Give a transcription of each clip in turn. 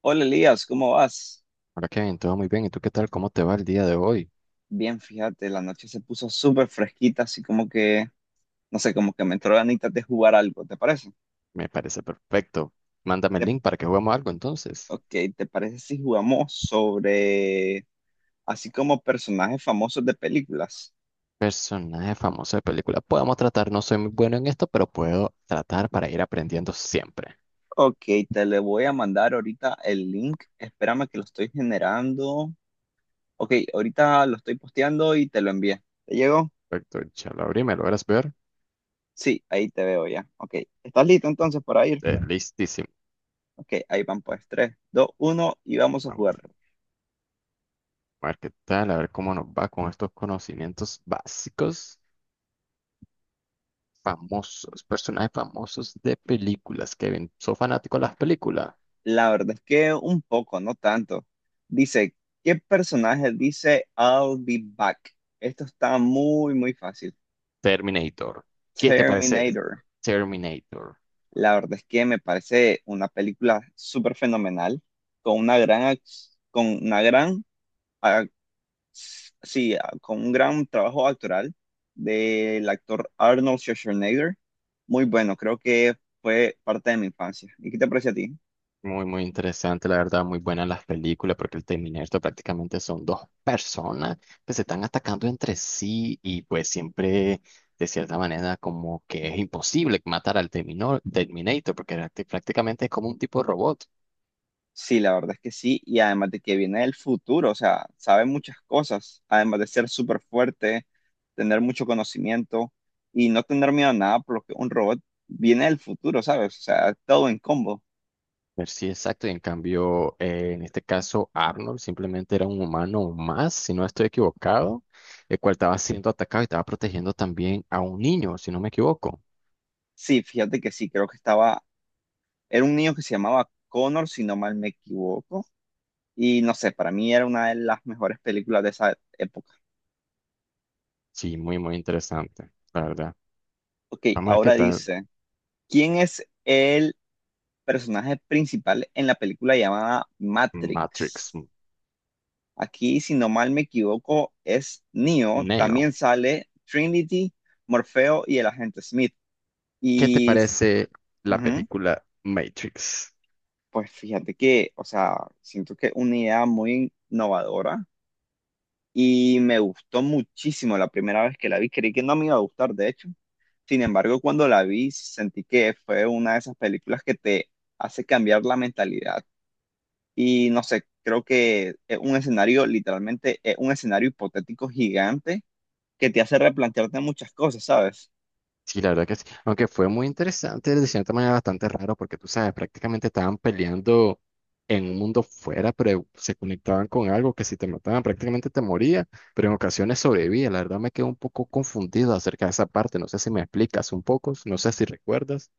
Hola Elías, ¿cómo vas? Hola Kevin, todo muy bien. ¿Y tú qué tal? ¿Cómo te va el día de hoy? Bien, fíjate, la noche se puso súper fresquita, así como que, no sé, como que me entró ganitas de jugar algo, ¿te parece? Me parece perfecto. Mándame el Te- link para que juguemos algo entonces. ok, ¿te parece si jugamos sobre, así como personajes famosos de películas? Personaje famoso de película. Podemos tratar, no soy muy bueno en esto, pero puedo tratar para ir aprendiendo siempre. Ok, te le voy a mandar ahorita el link, espérame que lo estoy generando. Ok, ahorita lo estoy posteando y te lo envié. ¿Te llegó? Perfecto, ya lo abrí, ¿me logras ver? Sí, ahí te veo ya. Ok, ¿estás listo entonces para ir? Listísimo. Ok, ahí van pues, 3, 2, 1 y vamos a Vamos jugar. a ver qué tal, a ver cómo nos va con estos conocimientos básicos. Famosos, personajes famosos de películas, Kevin. ¿Soy fanático de las películas? La verdad es que un poco, no tanto. Dice, ¿qué personaje dice I'll be back? Esto está muy, muy fácil. Terminator. ¿Qué te parece Terminator. Terminator? La verdad es que me parece una película súper fenomenal, con una con una gran, ah, sí, ah, con un gran trabajo actoral del actor Arnold Schwarzenegger. Muy bueno, creo que fue parte de mi infancia. ¿Y qué te parece a ti? Muy, muy interesante, la verdad, muy buenas las películas, porque el Terminator prácticamente son dos personas que se están atacando entre sí y pues siempre, de cierta manera, como que es imposible matar al Terminator, porque prácticamente es como un tipo de robot. Sí, la verdad es que sí, y además de que viene del futuro, o sea, sabe muchas cosas, además de ser súper fuerte, tener mucho conocimiento y no tener miedo a nada, por lo que un robot viene del futuro, ¿sabes? O sea, todo en combo. Ver si exacto, y en cambio, en este caso, Arnold simplemente era un humano más, si no estoy equivocado, el cual estaba siendo atacado y estaba protegiendo también a un niño, si no me equivoco. Sí, fíjate que sí, creo que estaba, era un niño que se llamaba Connor, si no mal me equivoco, y no sé, para mí era una de las mejores películas de esa época. Sí, muy, muy interesante, la verdad. Ok, Vamos a ver qué ahora tal. dice, ¿quién es el personaje principal en la película llamada Matrix. Matrix? Aquí, si no mal me equivoco, es Neo. Neo. También sale Trinity, Morfeo y el agente Smith. ¿Qué te Y parece la ujú, película Matrix? pues fíjate que, o sea, siento que una idea muy innovadora y me gustó muchísimo la primera vez que la vi. Creí que no me iba a gustar, de hecho. Sin embargo, cuando la vi, sentí que fue una de esas películas que te hace cambiar la mentalidad. Y no sé, creo que es un escenario, literalmente, es un escenario hipotético gigante que te hace replantearte muchas cosas, ¿sabes? Sí, la verdad que sí. Aunque fue muy interesante, de cierta manera bastante raro, porque tú sabes, prácticamente estaban peleando en un mundo fuera, pero se conectaban con algo que si te mataban prácticamente te moría, pero en ocasiones sobrevivía. La verdad me quedé un poco confundido acerca de esa parte. No sé si me explicas un poco, no sé si recuerdas.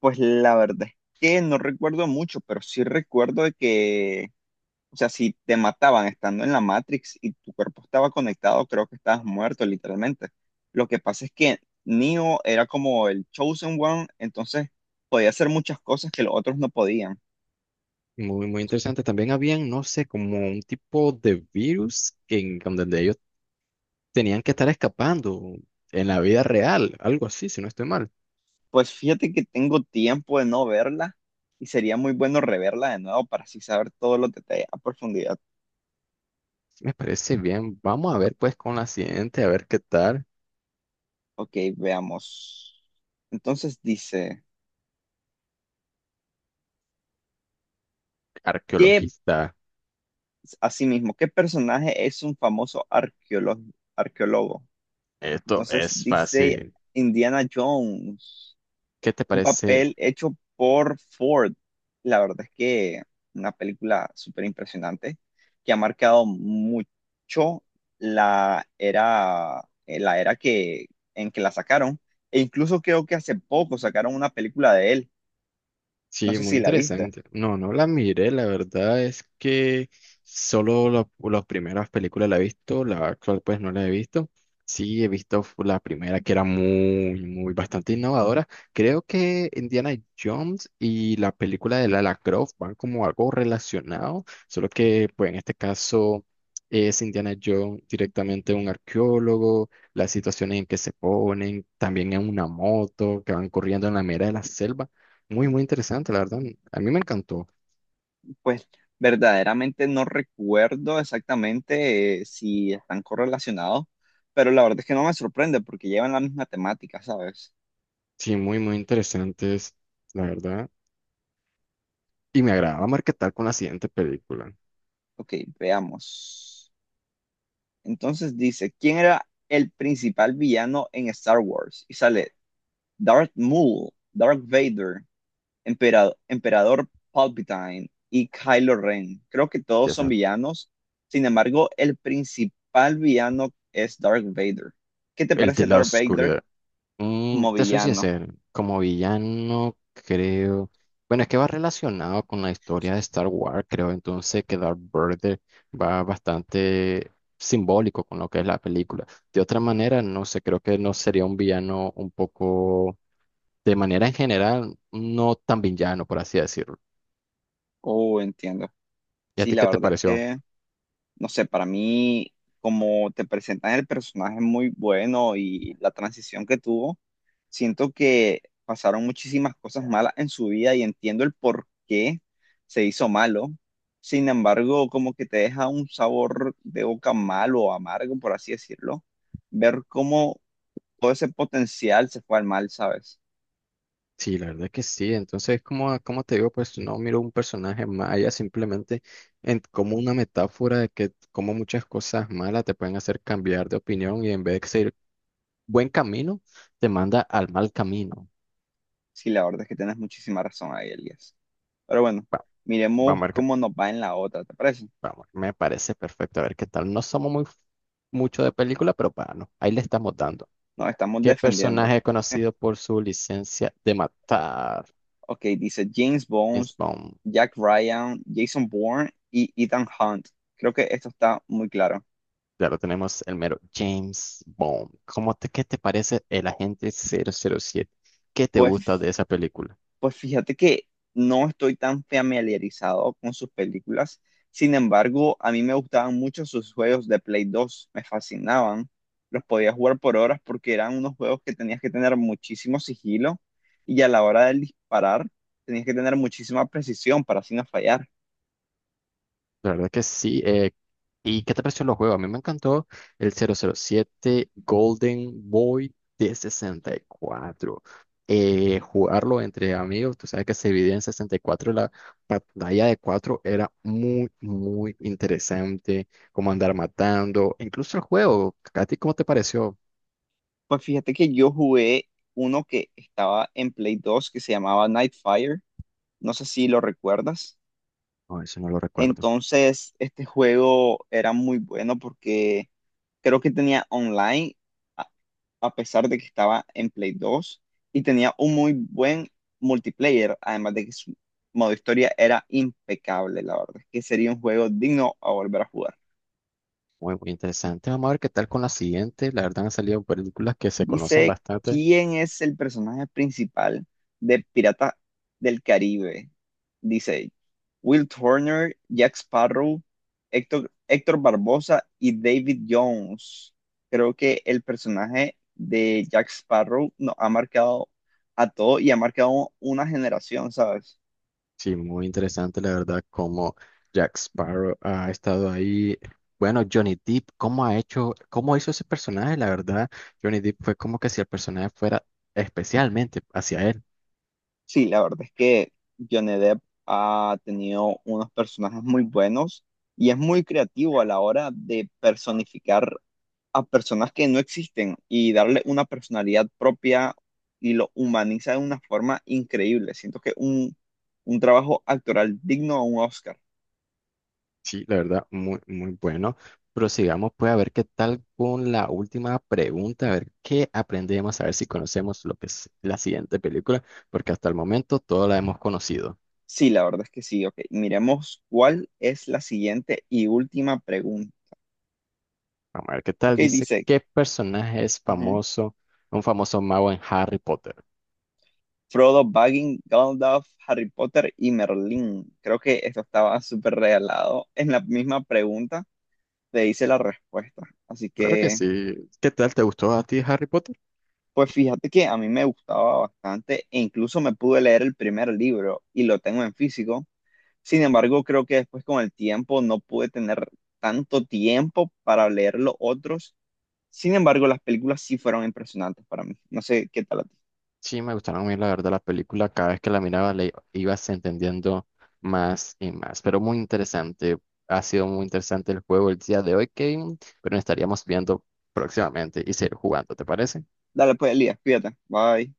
Pues la verdad es que no recuerdo mucho, pero sí recuerdo de que, o sea, si te mataban estando en la Matrix y tu cuerpo estaba conectado, creo que estabas muerto, literalmente. Lo que pasa es que Neo era como el Chosen One, entonces podía hacer muchas cosas que los otros no podían. Muy, muy interesante. También habían, no sé, como un tipo de virus que en donde ellos tenían que estar escapando en la vida real, algo así, si no estoy mal. Pues fíjate que tengo tiempo de no verla y sería muy bueno reverla de nuevo para así saber todos los detalles a profundidad. Me parece bien. Vamos a ver pues con la siguiente, a ver qué tal. Ok, veamos. Entonces dice... ¿Qué, Arqueologista. asimismo, qué personaje es un famoso arqueólogo? ¿Arqueólogo? Esto Entonces es dice fácil. Indiana Jones, ¿Qué te un parece? papel hecho por Ford. La verdad es que una película súper impresionante que ha marcado mucho la era, la era que, en que la sacaron. E incluso creo que hace poco sacaron una película de él. No Sí, sé muy si la viste. interesante. No, no la miré, la verdad es que las primeras películas la he visto, la actual pues no la he visto. Sí, he visto la primera que era muy, muy bastante innovadora. Creo que Indiana Jones y la película de Lara Croft van como algo relacionado, solo que pues en este caso es Indiana Jones directamente un arqueólogo, las situaciones en que se ponen, también en una moto que van corriendo en la mera de la selva. Muy, muy interesante, la verdad. A mí me encantó. Pues verdaderamente no recuerdo exactamente si están correlacionados, pero la verdad es que no me sorprende porque llevan la misma temática, ¿sabes? Sí, muy, muy interesantes, la verdad. Y me agradaba marketar con la siguiente película, Ok, veamos. Entonces dice, ¿quién era el principal villano en Star Wars? Y sale Darth Maul, Darth Vader, Emperador Palpatine y Kylo Ren. Creo que todos ya son sea, villanos. Sin embargo, el principal villano es Darth Vader. ¿Qué te el de parece la Darth Vader oscuridad. Como Te soy villano? sincero, como villano, creo. Bueno, es que va relacionado con la historia de Star Wars, creo. Entonces, que Darth Vader va bastante simbólico con lo que es la película. De otra manera, no sé, creo que no sería un villano un poco, de manera en general, no tan villano, por así decirlo. Oh, entiendo. ¿Y a Sí, ti la qué te verdad es pareció? que, no sé, para mí, como te presentan el personaje muy bueno y la transición que tuvo, siento que pasaron muchísimas cosas malas en su vida y entiendo el por qué se hizo malo. Sin embargo, como que te deja un sabor de boca malo o amargo, por así decirlo, ver cómo todo ese potencial se fue al mal, ¿sabes? Sí, la verdad que sí. Entonces, como te digo, pues no miro un personaje maya simplemente en, como una metáfora de que como muchas cosas malas te pueden hacer cambiar de opinión y en vez de seguir buen camino, te manda al mal camino. Sí, la verdad es que tienes muchísima razón ahí, Elías. Pero bueno, Va- miremos Vamos a ver qué, cómo nos va en la otra, ¿te parece? vamos, me parece perfecto. A ver qué tal. No somos muy mucho de película, pero bueno, ahí le estamos dando. Nos estamos ¿Qué defendiendo. personaje es conocido por su licencia de matar? Ok, dice James James Bones, Bond. Jack Ryan, Jason Bourne y Ethan Hunt. Creo que esto está muy claro. Claro, tenemos el mero James Bond. Qué te parece el agente 007? ¿Qué te gusta Pues, de esa película? pues fíjate que no estoy tan familiarizado con sus películas. Sin embargo, a mí me gustaban mucho sus juegos de Play 2. Me fascinaban. Los podía jugar por horas porque eran unos juegos que tenías que tener muchísimo sigilo y a la hora de disparar tenías que tener muchísima precisión para así no fallar. La verdad que sí. ¿Y qué te pareció los juegos? A mí me encantó el 007 Golden Boy de 64. Jugarlo entre amigos, tú sabes que se dividía en 64, la pantalla de 4 era muy, muy interesante, como andar matando, incluso el juego. ¿A ti cómo te pareció? Pues fíjate que yo jugué uno que estaba en Play 2 que se llamaba Nightfire. No sé si lo recuerdas. No, eso no lo recuerdo. Entonces, este juego era muy bueno porque creo que tenía online, a a pesar de que estaba en Play 2 y tenía un muy buen multiplayer, además de que su modo historia era impecable, la verdad, que sería un juego digno a volver a jugar. Muy, muy interesante. Vamos a ver qué tal con la siguiente. La verdad han salido películas que se conocen Dice, bastante. ¿quién es el personaje principal de Piratas del Caribe? Dice, Will Turner, Jack Sparrow, Héctor Barbosa y David Jones. Creo que el personaje de Jack Sparrow nos ha marcado a todos y ha marcado una generación, ¿sabes? Sí, muy interesante, la verdad, como Jack Sparrow ha estado ahí. Bueno, Johnny Depp, cómo ha hecho, cómo hizo ese personaje, la verdad. Johnny Depp fue como que si el personaje fuera especialmente hacia él. Sí, la verdad es que Johnny Depp ha tenido unos personajes muy buenos y es muy creativo a la hora de personificar a personas que no existen y darle una personalidad propia y lo humaniza de una forma increíble. Siento que un trabajo actoral digno a un Oscar. Sí, la verdad, muy, muy bueno. Prosigamos, pues, a ver qué tal con la última pregunta, a ver qué aprendemos, a ver si conocemos lo que es la siguiente película, porque hasta el momento toda la hemos conocido. Sí, la verdad es que sí. Ok, miremos cuál es la siguiente y última pregunta. Vamos a ver qué Ok, tal. Dice, dice ¿qué personaje es ujú, famoso, un famoso mago en Harry Potter? Frodo Baggins, Gandalf, Harry Potter y Merlín. Creo que esto estaba súper regalado. En la misma pregunta te hice la respuesta. Así Claro que que sí. ¿Qué tal? ¿Te gustó a ti Harry Potter? pues fíjate que a mí me gustaba bastante e incluso me pude leer el primer libro y lo tengo en físico. Sin embargo, creo que después con el tiempo no pude tener tanto tiempo para leer los otros. Sin embargo, las películas sí fueron impresionantes para mí. No sé qué tal a ti. Sí, me gustaron muy, la verdad, la película. Cada vez que la miraba, le ibas entendiendo más y más. Pero muy interesante. Ha sido muy interesante el juego el día de hoy, Kevin. Pero nos estaríamos viendo próximamente y seguir jugando, ¿te parece? Dale pues, Elías, cuídate. Bye.